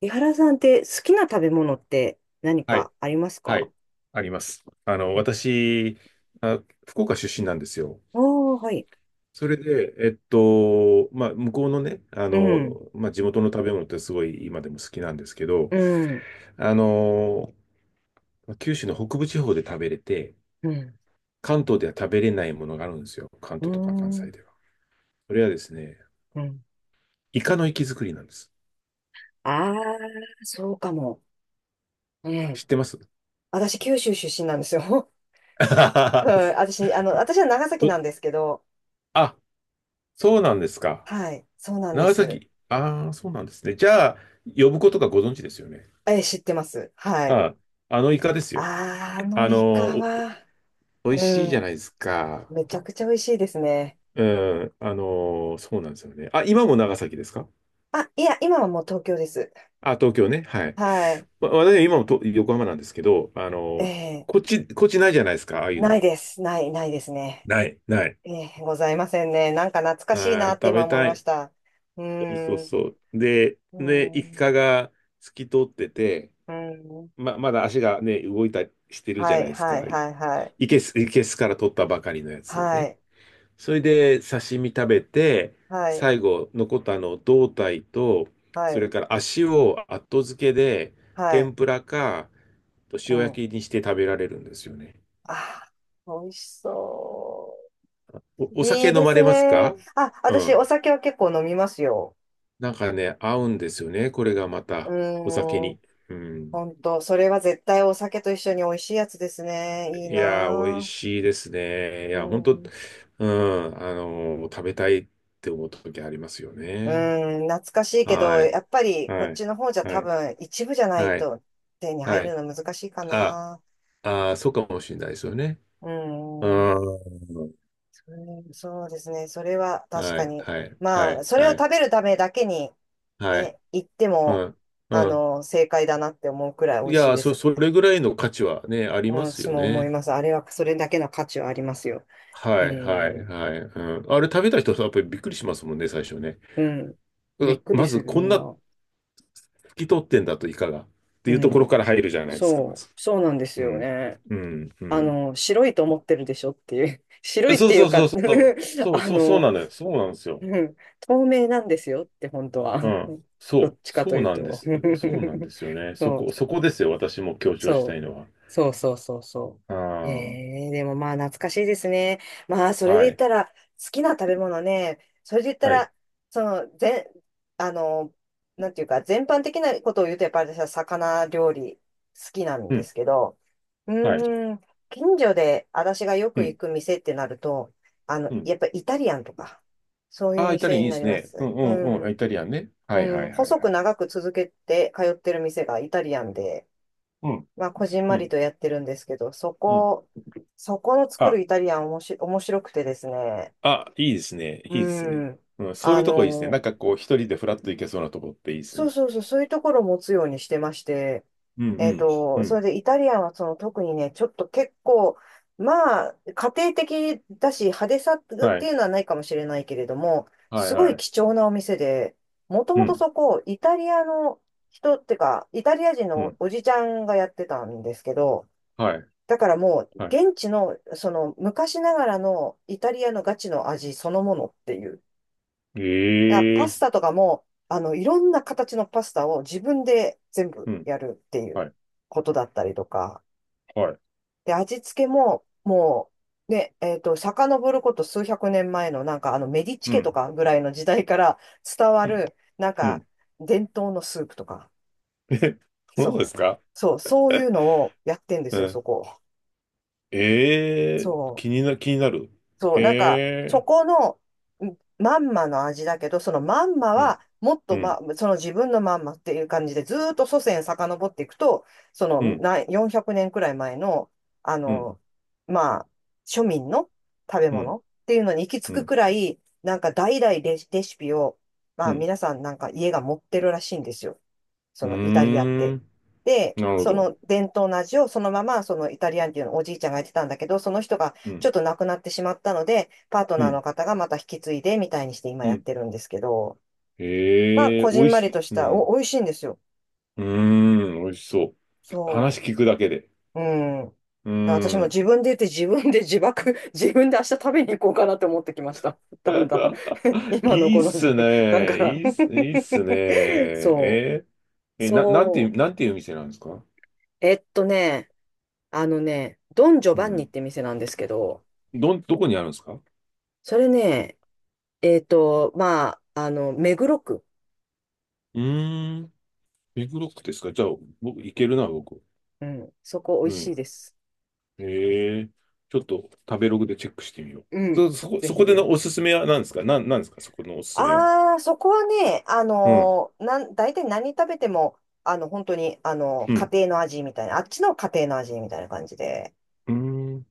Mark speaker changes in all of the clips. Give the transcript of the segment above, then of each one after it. Speaker 1: 井原さんって好きな食べ物って何
Speaker 2: はい、
Speaker 1: かあります
Speaker 2: は
Speaker 1: か？
Speaker 2: い、あります。
Speaker 1: あ
Speaker 2: 私、あ、福岡出身なんですよ。
Speaker 1: あー、はい。
Speaker 2: それで、まあ、向こうのね、
Speaker 1: うん、
Speaker 2: まあ、地元の食べ物ってすごい今でも好きなんですけど、
Speaker 1: うん、
Speaker 2: あの、九州の北部地方で食べれて、
Speaker 1: うん、
Speaker 2: 関東では食べれないものがあるんですよ。関
Speaker 1: う
Speaker 2: 東とか関西
Speaker 1: ん、
Speaker 2: では。それはですね、
Speaker 1: うん。
Speaker 2: イカの活き造りなんです。
Speaker 1: ああ、そうかも。ね
Speaker 2: 知っ
Speaker 1: え。
Speaker 2: てます？
Speaker 1: 私、九州出身なんですよ。
Speaker 2: あ、
Speaker 1: はい。私、私は長崎なんですけど、
Speaker 2: そうなんですか。
Speaker 1: はい。そうなんで
Speaker 2: 長
Speaker 1: す。
Speaker 2: 崎。ああ、そうなんですね。じゃあ、呼ぶことがご存知ですよね。
Speaker 1: え、知ってます。はい。
Speaker 2: あ、あのイカですよ。
Speaker 1: あーあの
Speaker 2: あ
Speaker 1: イ
Speaker 2: の、
Speaker 1: カ
Speaker 2: お、
Speaker 1: は、
Speaker 2: おいしいじ
Speaker 1: う
Speaker 2: ゃ
Speaker 1: ん。
Speaker 2: ないですか。
Speaker 1: めちゃくちゃ美味しいですね。
Speaker 2: うん、そうなんですよね。あ、今も長崎ですか？
Speaker 1: あ、いや、今はもう東京です。
Speaker 2: あ、東京ね。はい。
Speaker 1: はい。
Speaker 2: 私は今もと横浜なんですけど、
Speaker 1: ええ
Speaker 2: こっちないじゃないですか、ああいう
Speaker 1: な
Speaker 2: の。
Speaker 1: いです。ないですね。
Speaker 2: ない、ない。
Speaker 1: ええ、ございませんね。なんか懐か
Speaker 2: あ
Speaker 1: しい
Speaker 2: ー、
Speaker 1: なって
Speaker 2: 食
Speaker 1: 今
Speaker 2: べ
Speaker 1: 思い
Speaker 2: た
Speaker 1: まし
Speaker 2: い。
Speaker 1: た。うー
Speaker 2: そうそう
Speaker 1: ん、
Speaker 2: そう。で、
Speaker 1: う
Speaker 2: ね、
Speaker 1: ー
Speaker 2: イ
Speaker 1: ん、
Speaker 2: カが透き通ってて、
Speaker 1: うーん。
Speaker 2: まだ足がね、動いたりしてるじゃ
Speaker 1: は
Speaker 2: ない
Speaker 1: い、
Speaker 2: です
Speaker 1: は
Speaker 2: か。
Speaker 1: い、はい、はい。
Speaker 2: いけすから取ったばかりのやつ
Speaker 1: は
Speaker 2: ね。
Speaker 1: い、
Speaker 2: それで刺身食べて、
Speaker 1: はい、
Speaker 2: 最後残ったあの胴体と、
Speaker 1: は
Speaker 2: そ
Speaker 1: い、
Speaker 2: れから足を後付けで
Speaker 1: は
Speaker 2: 天
Speaker 1: い。
Speaker 2: ぷらか
Speaker 1: う
Speaker 2: 塩
Speaker 1: ん。
Speaker 2: 焼きにして食べられるんですよね。
Speaker 1: あー、美味しそう。
Speaker 2: お酒
Speaker 1: いい
Speaker 2: 飲
Speaker 1: で
Speaker 2: まれ
Speaker 1: す
Speaker 2: ますか？
Speaker 1: ね。あ、
Speaker 2: う
Speaker 1: 私、お
Speaker 2: ん。
Speaker 1: 酒は結構飲みますよ。
Speaker 2: なんかね、合うんですよね。これがま
Speaker 1: う
Speaker 2: た
Speaker 1: ー
Speaker 2: お酒
Speaker 1: ん、
Speaker 2: に。うん。
Speaker 1: ほんと、それは絶対お酒と一緒に美味しいやつですね。いい
Speaker 2: いやー、美味
Speaker 1: な
Speaker 2: しいですね。い
Speaker 1: ぁ。
Speaker 2: や、本当、
Speaker 1: うん
Speaker 2: うん、食べたいって思った時ありますよ
Speaker 1: う
Speaker 2: ね。
Speaker 1: ーん、懐かしいけど、
Speaker 2: は
Speaker 1: や
Speaker 2: い。
Speaker 1: っぱりこっ
Speaker 2: はい。
Speaker 1: ちの方じゃ
Speaker 2: は
Speaker 1: 多
Speaker 2: い。
Speaker 1: 分一部じゃない
Speaker 2: はい。
Speaker 1: と手に入
Speaker 2: は
Speaker 1: る
Speaker 2: い。
Speaker 1: の難しいか
Speaker 2: あ、
Speaker 1: な。
Speaker 2: ああ、そうかもしれないですよね。
Speaker 1: うー
Speaker 2: う
Speaker 1: ん、
Speaker 2: ん。
Speaker 1: それそうですね。それは確
Speaker 2: は
Speaker 1: か
Speaker 2: い、
Speaker 1: に。
Speaker 2: はい、は
Speaker 1: まあ、
Speaker 2: い、
Speaker 1: それを
Speaker 2: は
Speaker 1: 食
Speaker 2: い、
Speaker 1: べるためだけに
Speaker 2: はい。
Speaker 1: ね、行って
Speaker 2: う
Speaker 1: も、
Speaker 2: ん、うん。
Speaker 1: 正解だなって思うくらい美
Speaker 2: い
Speaker 1: 味しい
Speaker 2: や、
Speaker 1: です。
Speaker 2: それぐらいの価値はね、あります
Speaker 1: 私
Speaker 2: よ
Speaker 1: も思い
Speaker 2: ね。
Speaker 1: ます。あれはそれだけの価値はありますよ。
Speaker 2: は
Speaker 1: え
Speaker 2: い、はい、
Speaker 1: ー、
Speaker 2: はい。うん。あれ食べた人はやっぱりびっくりしますもんね、最初ね。
Speaker 1: うん。びっくり
Speaker 2: ま
Speaker 1: す
Speaker 2: ず、
Speaker 1: る、
Speaker 2: こ
Speaker 1: み
Speaker 2: ん
Speaker 1: ん
Speaker 2: な
Speaker 1: な。
Speaker 2: 拭き取ってんだといかがってい
Speaker 1: う
Speaker 2: うところ
Speaker 1: ん。
Speaker 2: から入るじゃないですか、まず。
Speaker 1: そうなんです
Speaker 2: う
Speaker 1: よ
Speaker 2: ん、
Speaker 1: ね。
Speaker 2: うん、う
Speaker 1: あ
Speaker 2: ん。
Speaker 1: の、白いと思ってるでしょっていう。白いっ
Speaker 2: そう
Speaker 1: てい
Speaker 2: そ
Speaker 1: う
Speaker 2: う
Speaker 1: か
Speaker 2: そ うそう。そう
Speaker 1: あ
Speaker 2: そう、そう
Speaker 1: の、
Speaker 2: なのよ。そうなんですよ。
Speaker 1: うん、透明なんですよって、本当は。
Speaker 2: うん。そ
Speaker 1: ど
Speaker 2: う、
Speaker 1: っちかと
Speaker 2: そう
Speaker 1: いう
Speaker 2: なんで
Speaker 1: と。
Speaker 2: す。そうなんですよね。
Speaker 1: そう、
Speaker 2: そこですよ。私も強調した
Speaker 1: そう、
Speaker 2: いのは。
Speaker 1: そうそうそうそう。へ
Speaker 2: あ
Speaker 1: え、でもまあ懐かしいですね。まあ、そ
Speaker 2: あ、
Speaker 1: れで
Speaker 2: は
Speaker 1: 言っ
Speaker 2: い、
Speaker 1: たら、好きな食べ物ね、それで言った
Speaker 2: はい、
Speaker 1: ら、その、全、あの、なんていうか、全般的なことを言うと、やっぱり私は魚料理好きなん
Speaker 2: う
Speaker 1: で
Speaker 2: ん、
Speaker 1: すけど、う
Speaker 2: はい、
Speaker 1: ーん。近所で私がよ
Speaker 2: う
Speaker 1: く行
Speaker 2: ん、
Speaker 1: く店ってなると、
Speaker 2: うん。
Speaker 1: やっぱイタリアンとか、そういう
Speaker 2: ああ、イタリアン
Speaker 1: 店
Speaker 2: いい
Speaker 1: に
Speaker 2: で
Speaker 1: なり
Speaker 2: す
Speaker 1: ま
Speaker 2: ね。うん、
Speaker 1: す。
Speaker 2: う
Speaker 1: う
Speaker 2: ん、うん。
Speaker 1: ん。
Speaker 2: イタリアンね。は
Speaker 1: う
Speaker 2: い、は
Speaker 1: ん。
Speaker 2: い、はい、
Speaker 1: 細
Speaker 2: は
Speaker 1: く
Speaker 2: い。
Speaker 1: 長く続けて通ってる店がイタリアンで、
Speaker 2: うん、
Speaker 1: まあ、こじん
Speaker 2: う
Speaker 1: まり
Speaker 2: ん、
Speaker 1: とやってるんですけど、
Speaker 2: うん。
Speaker 1: そこの作
Speaker 2: あ、
Speaker 1: るイタリアンおもし、面白くてですね。
Speaker 2: あ、いいですね。
Speaker 1: う
Speaker 2: いいですね。
Speaker 1: ん。
Speaker 2: うん、そうい
Speaker 1: あ
Speaker 2: うとこいいですね。なん
Speaker 1: の、
Speaker 2: かこう、一人でフラッと行けそうなとこっていいです
Speaker 1: そ
Speaker 2: ね。
Speaker 1: うそうそう、そういうところを持つようにしてまして、
Speaker 2: うん、う
Speaker 1: えっ
Speaker 2: ん、う
Speaker 1: と、そ
Speaker 2: ん。
Speaker 1: れでイタリアンはその特にね、ちょっと結構、まあ、家庭的だし、派手さっ
Speaker 2: は
Speaker 1: て
Speaker 2: い、
Speaker 1: いうのはないかもしれないけれども、
Speaker 2: はい、
Speaker 1: すご
Speaker 2: は
Speaker 1: い
Speaker 2: い。
Speaker 1: 貴重なお店で、もと
Speaker 2: う
Speaker 1: もと
Speaker 2: ん、
Speaker 1: そこ、イタリアの人ってか、イタリア人
Speaker 2: う
Speaker 1: の
Speaker 2: ん、
Speaker 1: おじちゃんがやってたんですけど、
Speaker 2: はい、
Speaker 1: だからもう、
Speaker 2: はい。
Speaker 1: 現地の、その、昔ながらのイタリアのガチの味そのものっていう。だから
Speaker 2: え
Speaker 1: パ
Speaker 2: え、
Speaker 1: スタとかも、いろんな形のパスタを自分で全
Speaker 2: う
Speaker 1: 部
Speaker 2: ん、
Speaker 1: やるっていう
Speaker 2: はい、
Speaker 1: ことだったりとか。
Speaker 2: はい。
Speaker 1: で、味付けももう、ね、えっと、遡ること数百年前の、なんか、メディチ
Speaker 2: う
Speaker 1: 家と
Speaker 2: ん、
Speaker 1: かぐらいの時代から伝わ
Speaker 2: うん、
Speaker 1: る、なん
Speaker 2: う
Speaker 1: か、
Speaker 2: ん。
Speaker 1: 伝統のスープとか。
Speaker 2: え、そうです
Speaker 1: そう。
Speaker 2: か？
Speaker 1: そう、そういうのをやってんで
Speaker 2: う
Speaker 1: すよ、
Speaker 2: ん。
Speaker 1: そこ。
Speaker 2: ええー
Speaker 1: そう。
Speaker 2: 気になる。
Speaker 1: そう、なんか、
Speaker 2: え
Speaker 1: そ
Speaker 2: え
Speaker 1: このんまんまの味だけど、そのまんま
Speaker 2: ー
Speaker 1: は、もっ
Speaker 2: う
Speaker 1: と、
Speaker 2: ん、う
Speaker 1: ま、
Speaker 2: ん、
Speaker 1: その自分のまんまっていう感じで、ずーっと祖先遡っていくと、その
Speaker 2: うん、
Speaker 1: な400年くねんくらい前の、あ
Speaker 2: うん、
Speaker 1: の、まあ、庶民の食べ
Speaker 2: うん、
Speaker 1: 物っていうのに行き着
Speaker 2: う
Speaker 1: く
Speaker 2: ん、
Speaker 1: くらい、なんか代々レシピを、ま
Speaker 2: う
Speaker 1: あ
Speaker 2: ん。
Speaker 1: 皆さんなんか家が持ってるらしいんですよ。そ
Speaker 2: うー
Speaker 1: のイタリアっ
Speaker 2: ん、
Speaker 1: て。で、
Speaker 2: なるほ
Speaker 1: そ
Speaker 2: ど。
Speaker 1: の伝統の味をそのまま、そのイタリアンっていうのをおじいちゃんがやってたんだけど、その人が
Speaker 2: う
Speaker 1: ちょ
Speaker 2: ん、
Speaker 1: っと亡くなってしまったので、パート
Speaker 2: う
Speaker 1: ナー
Speaker 2: ん、
Speaker 1: の方がまた引き継いでみたいにして今
Speaker 2: う
Speaker 1: やっ
Speaker 2: ん。
Speaker 1: てるんですけど、まあ、
Speaker 2: ええー
Speaker 1: こじ
Speaker 2: お
Speaker 1: ん
Speaker 2: い
Speaker 1: まり
Speaker 2: しい。
Speaker 1: とし
Speaker 2: う
Speaker 1: た、
Speaker 2: ん、
Speaker 1: 美味しいんですよ。
Speaker 2: うーん、おいしそう。話
Speaker 1: そ
Speaker 2: 聞くだけで。
Speaker 1: う。うん。
Speaker 2: う
Speaker 1: 私
Speaker 2: ー
Speaker 1: も
Speaker 2: ん。
Speaker 1: 自分で言って自分で自爆、自分で明日食べに行こうかなって思ってきました。だんだん 今の
Speaker 2: いい
Speaker 1: こ
Speaker 2: っ
Speaker 1: の
Speaker 2: す
Speaker 1: 時間か
Speaker 2: ね。
Speaker 1: ら
Speaker 2: いいっすね。
Speaker 1: そう。
Speaker 2: えーえ、
Speaker 1: そう。
Speaker 2: なんていう店なんですか？
Speaker 1: えっとね、あのね、ドン・ジョ
Speaker 2: う
Speaker 1: バンニっ
Speaker 2: ん。
Speaker 1: て店なんですけど、
Speaker 2: どこにあるんですか？う
Speaker 1: それね、目黒区。
Speaker 2: ーん。ビッグロックですか？じゃあ、僕、いけるな、僕。
Speaker 1: うん、そこ美
Speaker 2: う
Speaker 1: 味しい
Speaker 2: ん。
Speaker 1: です。
Speaker 2: ええちょっと食べログでチェックしてみよう。
Speaker 1: うん。ぜ
Speaker 2: そ
Speaker 1: ひ
Speaker 2: こで
Speaker 1: ぜ
Speaker 2: の
Speaker 1: ひ。
Speaker 2: おすすめは何ですか？なんですかそこのおすすめは。
Speaker 1: ああ、そこはね、あ
Speaker 2: うん。
Speaker 1: のー、なん、大体何食べても、本当に、
Speaker 2: う
Speaker 1: 家
Speaker 2: ん。
Speaker 1: 庭の味みたいな、あっちの家庭の味みたいな感じで。
Speaker 2: うーん。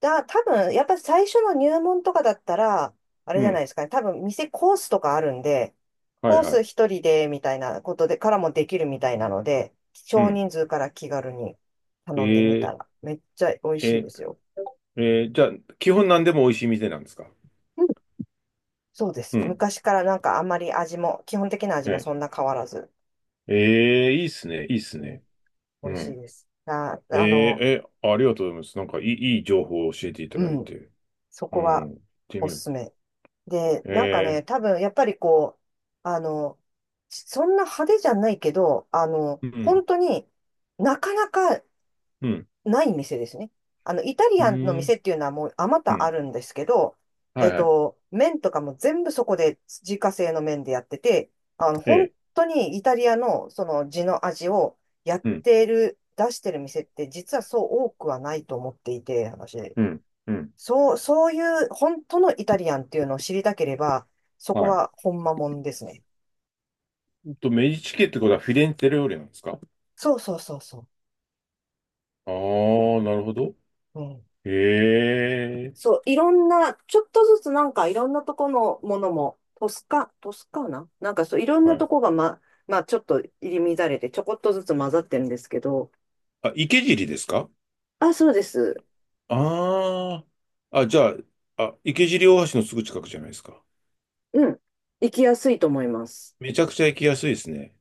Speaker 1: だ、多分、やっぱ最初の入門とかだったら、あれ
Speaker 2: う
Speaker 1: じゃない
Speaker 2: ん。
Speaker 1: ですかね。多分、店コースとかあるんで、
Speaker 2: はい
Speaker 1: コー
Speaker 2: は
Speaker 1: ス
Speaker 2: い。
Speaker 1: 一人で、みたいなことで、からもできるみたいなので、
Speaker 2: う
Speaker 1: 少
Speaker 2: ん。
Speaker 1: 人数から気軽に頼んでみた
Speaker 2: ええ
Speaker 1: ら、めっちゃ美味しい
Speaker 2: え
Speaker 1: ですよ。
Speaker 2: ー、えーじゃあ、基本何でも美味しい店なんですか？
Speaker 1: うんそうで
Speaker 2: う
Speaker 1: す。
Speaker 2: ん。
Speaker 1: 昔からなんかあんまり味も、基本的な味もそん
Speaker 2: え
Speaker 1: な変わらず、
Speaker 2: ええーいいっすね。いいっす
Speaker 1: うん、
Speaker 2: ね。
Speaker 1: 美
Speaker 2: う
Speaker 1: 味しい
Speaker 2: ん。
Speaker 1: です。あ、
Speaker 2: えーえーありがとうございます。なんかいい情報を教えていた
Speaker 1: う
Speaker 2: だい
Speaker 1: ん、
Speaker 2: て。
Speaker 1: そ
Speaker 2: う
Speaker 1: こは
Speaker 2: ん。行って
Speaker 1: お
Speaker 2: みよ
Speaker 1: すす
Speaker 2: う。
Speaker 1: め。で、なんかね、
Speaker 2: ええ
Speaker 1: 多分やっぱりこう、あの、そんな派手じゃないけど、
Speaker 2: うん。
Speaker 1: 本当になかなか
Speaker 2: うん。
Speaker 1: ない店ですね。あの、イタリ
Speaker 2: う
Speaker 1: アンの
Speaker 2: ん。
Speaker 1: 店っていうのはもうあま
Speaker 2: う
Speaker 1: たあ
Speaker 2: ん
Speaker 1: るんですけど、
Speaker 2: は
Speaker 1: え
Speaker 2: い
Speaker 1: っ
Speaker 2: はい。
Speaker 1: と、麺とかも全部そこで自家製の麺でやってて、
Speaker 2: え
Speaker 1: 本
Speaker 2: え。
Speaker 1: 当にイタリアのその地の味をやっ
Speaker 2: うん。
Speaker 1: てる、出してる店って実はそう多くはないと思っていて、私。
Speaker 2: うん。うん。
Speaker 1: そう、そういう本当のイタリアンっていうのを知りたければ、そこ
Speaker 2: はい。
Speaker 1: は本間もんですね。
Speaker 2: メディチ家ってことはフィレンツェ料理なんですか？
Speaker 1: そうそうそうそ
Speaker 2: ああー、なるほど。
Speaker 1: う。うん。
Speaker 2: へえ。
Speaker 1: そう、いろんな、ちょっとずつなんかいろんなとこのものも、トスカーナなんかそう、いろん
Speaker 2: は
Speaker 1: なと
Speaker 2: い。
Speaker 1: こがま、まあちょっと入り乱れてちょこっとずつ混ざってるんですけど、
Speaker 2: あ、池尻ですか？
Speaker 1: あ、そうです。
Speaker 2: ああー。あ、じゃあ、あ、池尻大橋のすぐ近くじゃないですか。
Speaker 1: うん。行きやすいと思います。
Speaker 2: めちゃくちゃ行きやすいですね。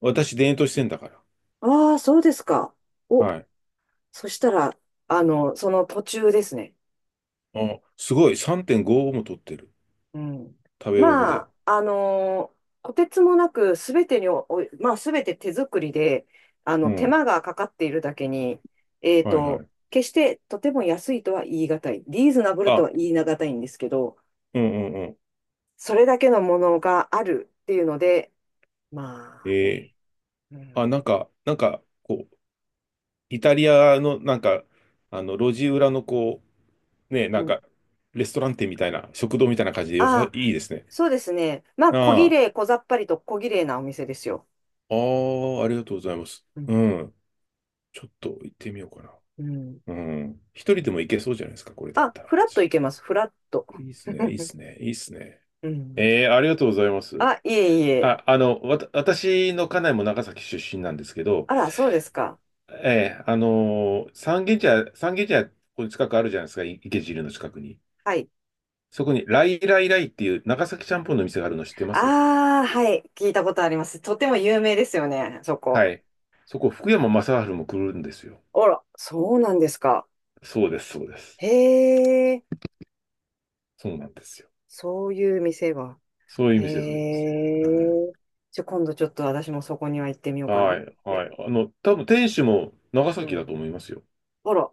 Speaker 2: 私、田園都市線だから。
Speaker 1: ああ、そうですか。お、
Speaker 2: はい。
Speaker 1: そしたら、その途中ですね。
Speaker 2: あ、すごい。3.55も取ってる。
Speaker 1: うん。
Speaker 2: 食べログ
Speaker 1: ま
Speaker 2: で。
Speaker 1: あ、あのーとてつもなくすべてにまあ、すべて手作りで、
Speaker 2: う
Speaker 1: 手
Speaker 2: ん。
Speaker 1: 間がかかっているだけに、えっ
Speaker 2: はいは
Speaker 1: と、
Speaker 2: い。
Speaker 1: 決してとても安いとは言い難い、リーズナブルと
Speaker 2: あ、
Speaker 1: は言い難いんですけど、
Speaker 2: うんうんうん。
Speaker 1: それだけのものがあるっていうので、
Speaker 2: え
Speaker 1: まあ
Speaker 2: え。
Speaker 1: ね、う
Speaker 2: あ、
Speaker 1: ん。
Speaker 2: なんか、なんか、こう、イタリアのなんか、路地裏のこう、ね、な
Speaker 1: う
Speaker 2: んか、
Speaker 1: ん。
Speaker 2: レストラン店みたいな、食堂みたいな感じでよさ、
Speaker 1: あ
Speaker 2: いい
Speaker 1: あ、
Speaker 2: ですね。
Speaker 1: そうですね。まあ、小綺
Speaker 2: あ
Speaker 1: 麗、小ざっぱりと小綺麗なお店ですよ。
Speaker 2: あ、ああ、ありがとうございます。
Speaker 1: う
Speaker 2: う
Speaker 1: ん。
Speaker 2: ん。ちょっと行ってみようかな。
Speaker 1: うん。
Speaker 2: うん。一人でも行けそうじゃないですか、これだっ
Speaker 1: あ、
Speaker 2: たら
Speaker 1: フラット
Speaker 2: 私。
Speaker 1: いけます、フラット。
Speaker 2: いいですね、いいで すね、いいですね。
Speaker 1: うん。
Speaker 2: ええ、ありがとうございます。
Speaker 1: あ、いえいえ。
Speaker 2: あ、私の家内も長崎出身なんですけど、
Speaker 1: あら、そうですか。
Speaker 2: ええ、三軒茶屋、ここに近くあるじゃないですか、池尻の近くに。
Speaker 1: はい。
Speaker 2: そこに、ライライライっていう長崎ちゃんぽんの店があるの知ってます？
Speaker 1: ああ、はい。聞いたことあります。とても有名ですよね、そこ。
Speaker 2: はい。そこ、福山雅治も来るんですよ。
Speaker 1: あら、そうなんですか。
Speaker 2: そうです、そうです。
Speaker 1: へえ、
Speaker 2: そうなんですよ。
Speaker 1: そういう店が。
Speaker 2: そういう店、そういう
Speaker 1: へ
Speaker 2: 店。はい。
Speaker 1: え。じゃ、今度ちょっと私もそこには行ってみようかな
Speaker 2: は
Speaker 1: っ
Speaker 2: い、は
Speaker 1: て。
Speaker 2: い。多分店主も長
Speaker 1: う
Speaker 2: 崎だと
Speaker 1: ん。
Speaker 2: 思いますよ。
Speaker 1: あら、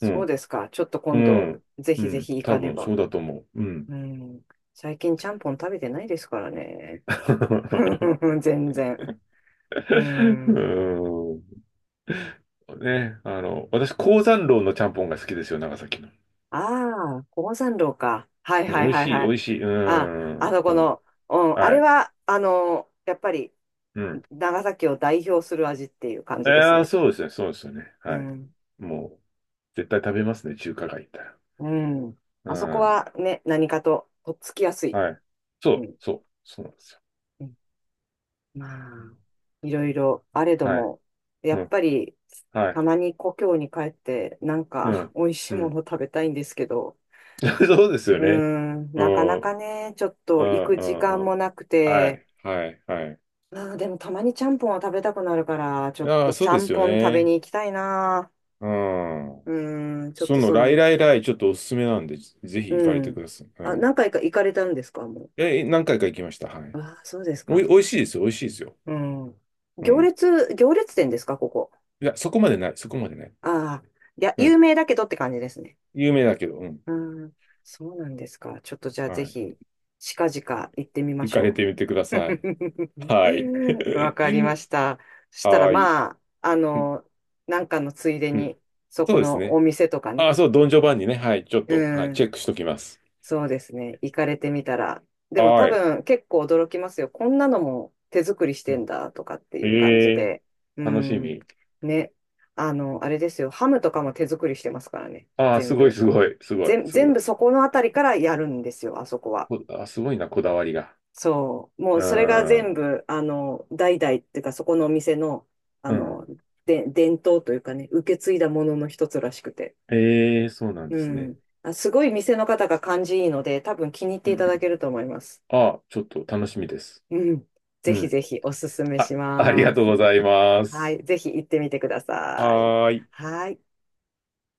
Speaker 2: う
Speaker 1: う
Speaker 2: ん、
Speaker 1: ですか。ちょっと
Speaker 2: う
Speaker 1: 今度、
Speaker 2: ん、
Speaker 1: ぜ
Speaker 2: う
Speaker 1: ひぜ
Speaker 2: ん。
Speaker 1: ひ行
Speaker 2: 多
Speaker 1: かね
Speaker 2: 分そう
Speaker 1: ば。
Speaker 2: だと思う。うん。
Speaker 1: うん。最近ちゃんぽん食べてないですからね。全然。うん。
Speaker 2: うんね、私、鉱山楼のちゃんぽんが好きですよ、長崎の。
Speaker 1: ああ、高山楼か。はい
Speaker 2: うん
Speaker 1: は
Speaker 2: 美
Speaker 1: い
Speaker 2: 味
Speaker 1: はい
Speaker 2: しい、
Speaker 1: は
Speaker 2: 美
Speaker 1: い。
Speaker 2: 味しい。う
Speaker 1: あ、あの
Speaker 2: ん、う
Speaker 1: こ
Speaker 2: ん。
Speaker 1: の、うん、あ
Speaker 2: は
Speaker 1: れ
Speaker 2: い。
Speaker 1: は、やっぱり、
Speaker 2: うん。
Speaker 1: 長崎を代表する味っていう感じです
Speaker 2: ああ、
Speaker 1: ね。
Speaker 2: そうですね、そうですよね。
Speaker 1: う
Speaker 2: はい。
Speaker 1: ん。
Speaker 2: もう、絶対食べますね、中華街行ったら。
Speaker 1: うん。
Speaker 2: う
Speaker 1: あそこ
Speaker 2: ん。
Speaker 1: はね、何かと、とっつきやすい。
Speaker 2: はい。そ
Speaker 1: う
Speaker 2: う、
Speaker 1: ん。
Speaker 2: そう、そうなんですよ。
Speaker 1: うんまあ、いろいろあれど
Speaker 2: はい。
Speaker 1: も、や
Speaker 2: う
Speaker 1: っ
Speaker 2: ん。
Speaker 1: ぱり、
Speaker 2: は
Speaker 1: た
Speaker 2: い。
Speaker 1: まに故郷に帰って、なん
Speaker 2: う
Speaker 1: か、
Speaker 2: ん。
Speaker 1: 美味しい
Speaker 2: う
Speaker 1: も
Speaker 2: ん。
Speaker 1: の食べたいんですけど、
Speaker 2: そうですよ
Speaker 1: うー
Speaker 2: ね。
Speaker 1: ん、
Speaker 2: う
Speaker 1: なか
Speaker 2: ん。
Speaker 1: な
Speaker 2: うん、
Speaker 1: かね、ちょっ
Speaker 2: う
Speaker 1: と行く時
Speaker 2: ん、
Speaker 1: 間
Speaker 2: うん。
Speaker 1: もなく
Speaker 2: は
Speaker 1: て、
Speaker 2: い。はい。はい。
Speaker 1: あー、でもたまにちゃんぽんは食べたくなるから、ちょっ
Speaker 2: ああ、
Speaker 1: と
Speaker 2: そ
Speaker 1: ち
Speaker 2: う
Speaker 1: ゃ
Speaker 2: です
Speaker 1: ん
Speaker 2: よ
Speaker 1: ぽん食べ
Speaker 2: ね。
Speaker 1: に行きたいな。
Speaker 2: う
Speaker 1: う
Speaker 2: ん。
Speaker 1: ーん、ちょっ
Speaker 2: そ
Speaker 1: と
Speaker 2: の、
Speaker 1: そ
Speaker 2: ライ
Speaker 1: の、
Speaker 2: ライライ、ちょっとおすすめなんで、ぜひ行か
Speaker 1: う
Speaker 2: れて
Speaker 1: ん。
Speaker 2: ください。う
Speaker 1: あ、何
Speaker 2: ん。
Speaker 1: 回か行かれたんですか、も
Speaker 2: え、何回か行きました。はい。
Speaker 1: う？ああ、そうです
Speaker 2: お
Speaker 1: か。
Speaker 2: い、美味しいですよ、美味しいですよ。
Speaker 1: うん。
Speaker 2: うん。
Speaker 1: 行列店ですか、ここ？
Speaker 2: いや、そこまでない、そこまでない。
Speaker 1: ああ、いや、
Speaker 2: う
Speaker 1: 有
Speaker 2: ん。
Speaker 1: 名だけどって感じですね。
Speaker 2: 有名だけど、うん。
Speaker 1: うん、そうなんですか？ちょっとじゃあ
Speaker 2: は
Speaker 1: ぜ
Speaker 2: い
Speaker 1: ひ、近々行ってみま
Speaker 2: 行
Speaker 1: し
Speaker 2: かれ
Speaker 1: ょ
Speaker 2: てみてくだ
Speaker 1: う。
Speaker 2: さい。はい。
Speaker 1: わかりま した。そしたら
Speaker 2: はい。
Speaker 1: まあ、
Speaker 2: うん
Speaker 1: なんかのついで
Speaker 2: うん。
Speaker 1: に、そ
Speaker 2: そう
Speaker 1: こ
Speaker 2: です
Speaker 1: のお
Speaker 2: ね。
Speaker 1: 店とか
Speaker 2: あ、
Speaker 1: ね。
Speaker 2: そう、ドンジョバンニね。はい。ちょっと、はい、
Speaker 1: う
Speaker 2: チ
Speaker 1: ん、
Speaker 2: ェックしときます。
Speaker 1: そうですね。行かれてみたら。でも多
Speaker 2: はい。
Speaker 1: 分結構驚きますよ。こんなのも手作りし
Speaker 2: う
Speaker 1: て
Speaker 2: ん
Speaker 1: んだとかってい
Speaker 2: え
Speaker 1: う感じ
Speaker 2: え
Speaker 1: で。う
Speaker 2: 楽し
Speaker 1: ん、
Speaker 2: み。
Speaker 1: ね。あの、あれですよ。ハムとかも手作りしてますからね。
Speaker 2: ああ、す
Speaker 1: 全
Speaker 2: ごい、
Speaker 1: 部。
Speaker 2: すごい、すごい、す
Speaker 1: 全
Speaker 2: ごい。
Speaker 1: 部そこのあたりからやるんですよ、あそこは。
Speaker 2: あ、すごいな、こだわりが。
Speaker 1: そう。もう
Speaker 2: う
Speaker 1: それが全
Speaker 2: ん。
Speaker 1: 部、代々っていうか、そこのお店の、あ
Speaker 2: う
Speaker 1: の、
Speaker 2: ん。
Speaker 1: で、伝統というかね、受け継いだものの一つらしくて。
Speaker 2: ええそうなんで
Speaker 1: う
Speaker 2: すね。
Speaker 1: ん。あ、すごい店の方が感じいいので、多分気に入って
Speaker 2: う
Speaker 1: いただ
Speaker 2: ん。
Speaker 1: けると思います。
Speaker 2: ああ、ちょっと楽しみです。
Speaker 1: うん。
Speaker 2: う
Speaker 1: ぜひ
Speaker 2: ん。
Speaker 1: ぜひおすすめし
Speaker 2: あ、ありが
Speaker 1: ま
Speaker 2: とう
Speaker 1: す。
Speaker 2: ございま
Speaker 1: は
Speaker 2: す。
Speaker 1: い。ぜひ行ってみてください。
Speaker 2: はーい。
Speaker 1: はい。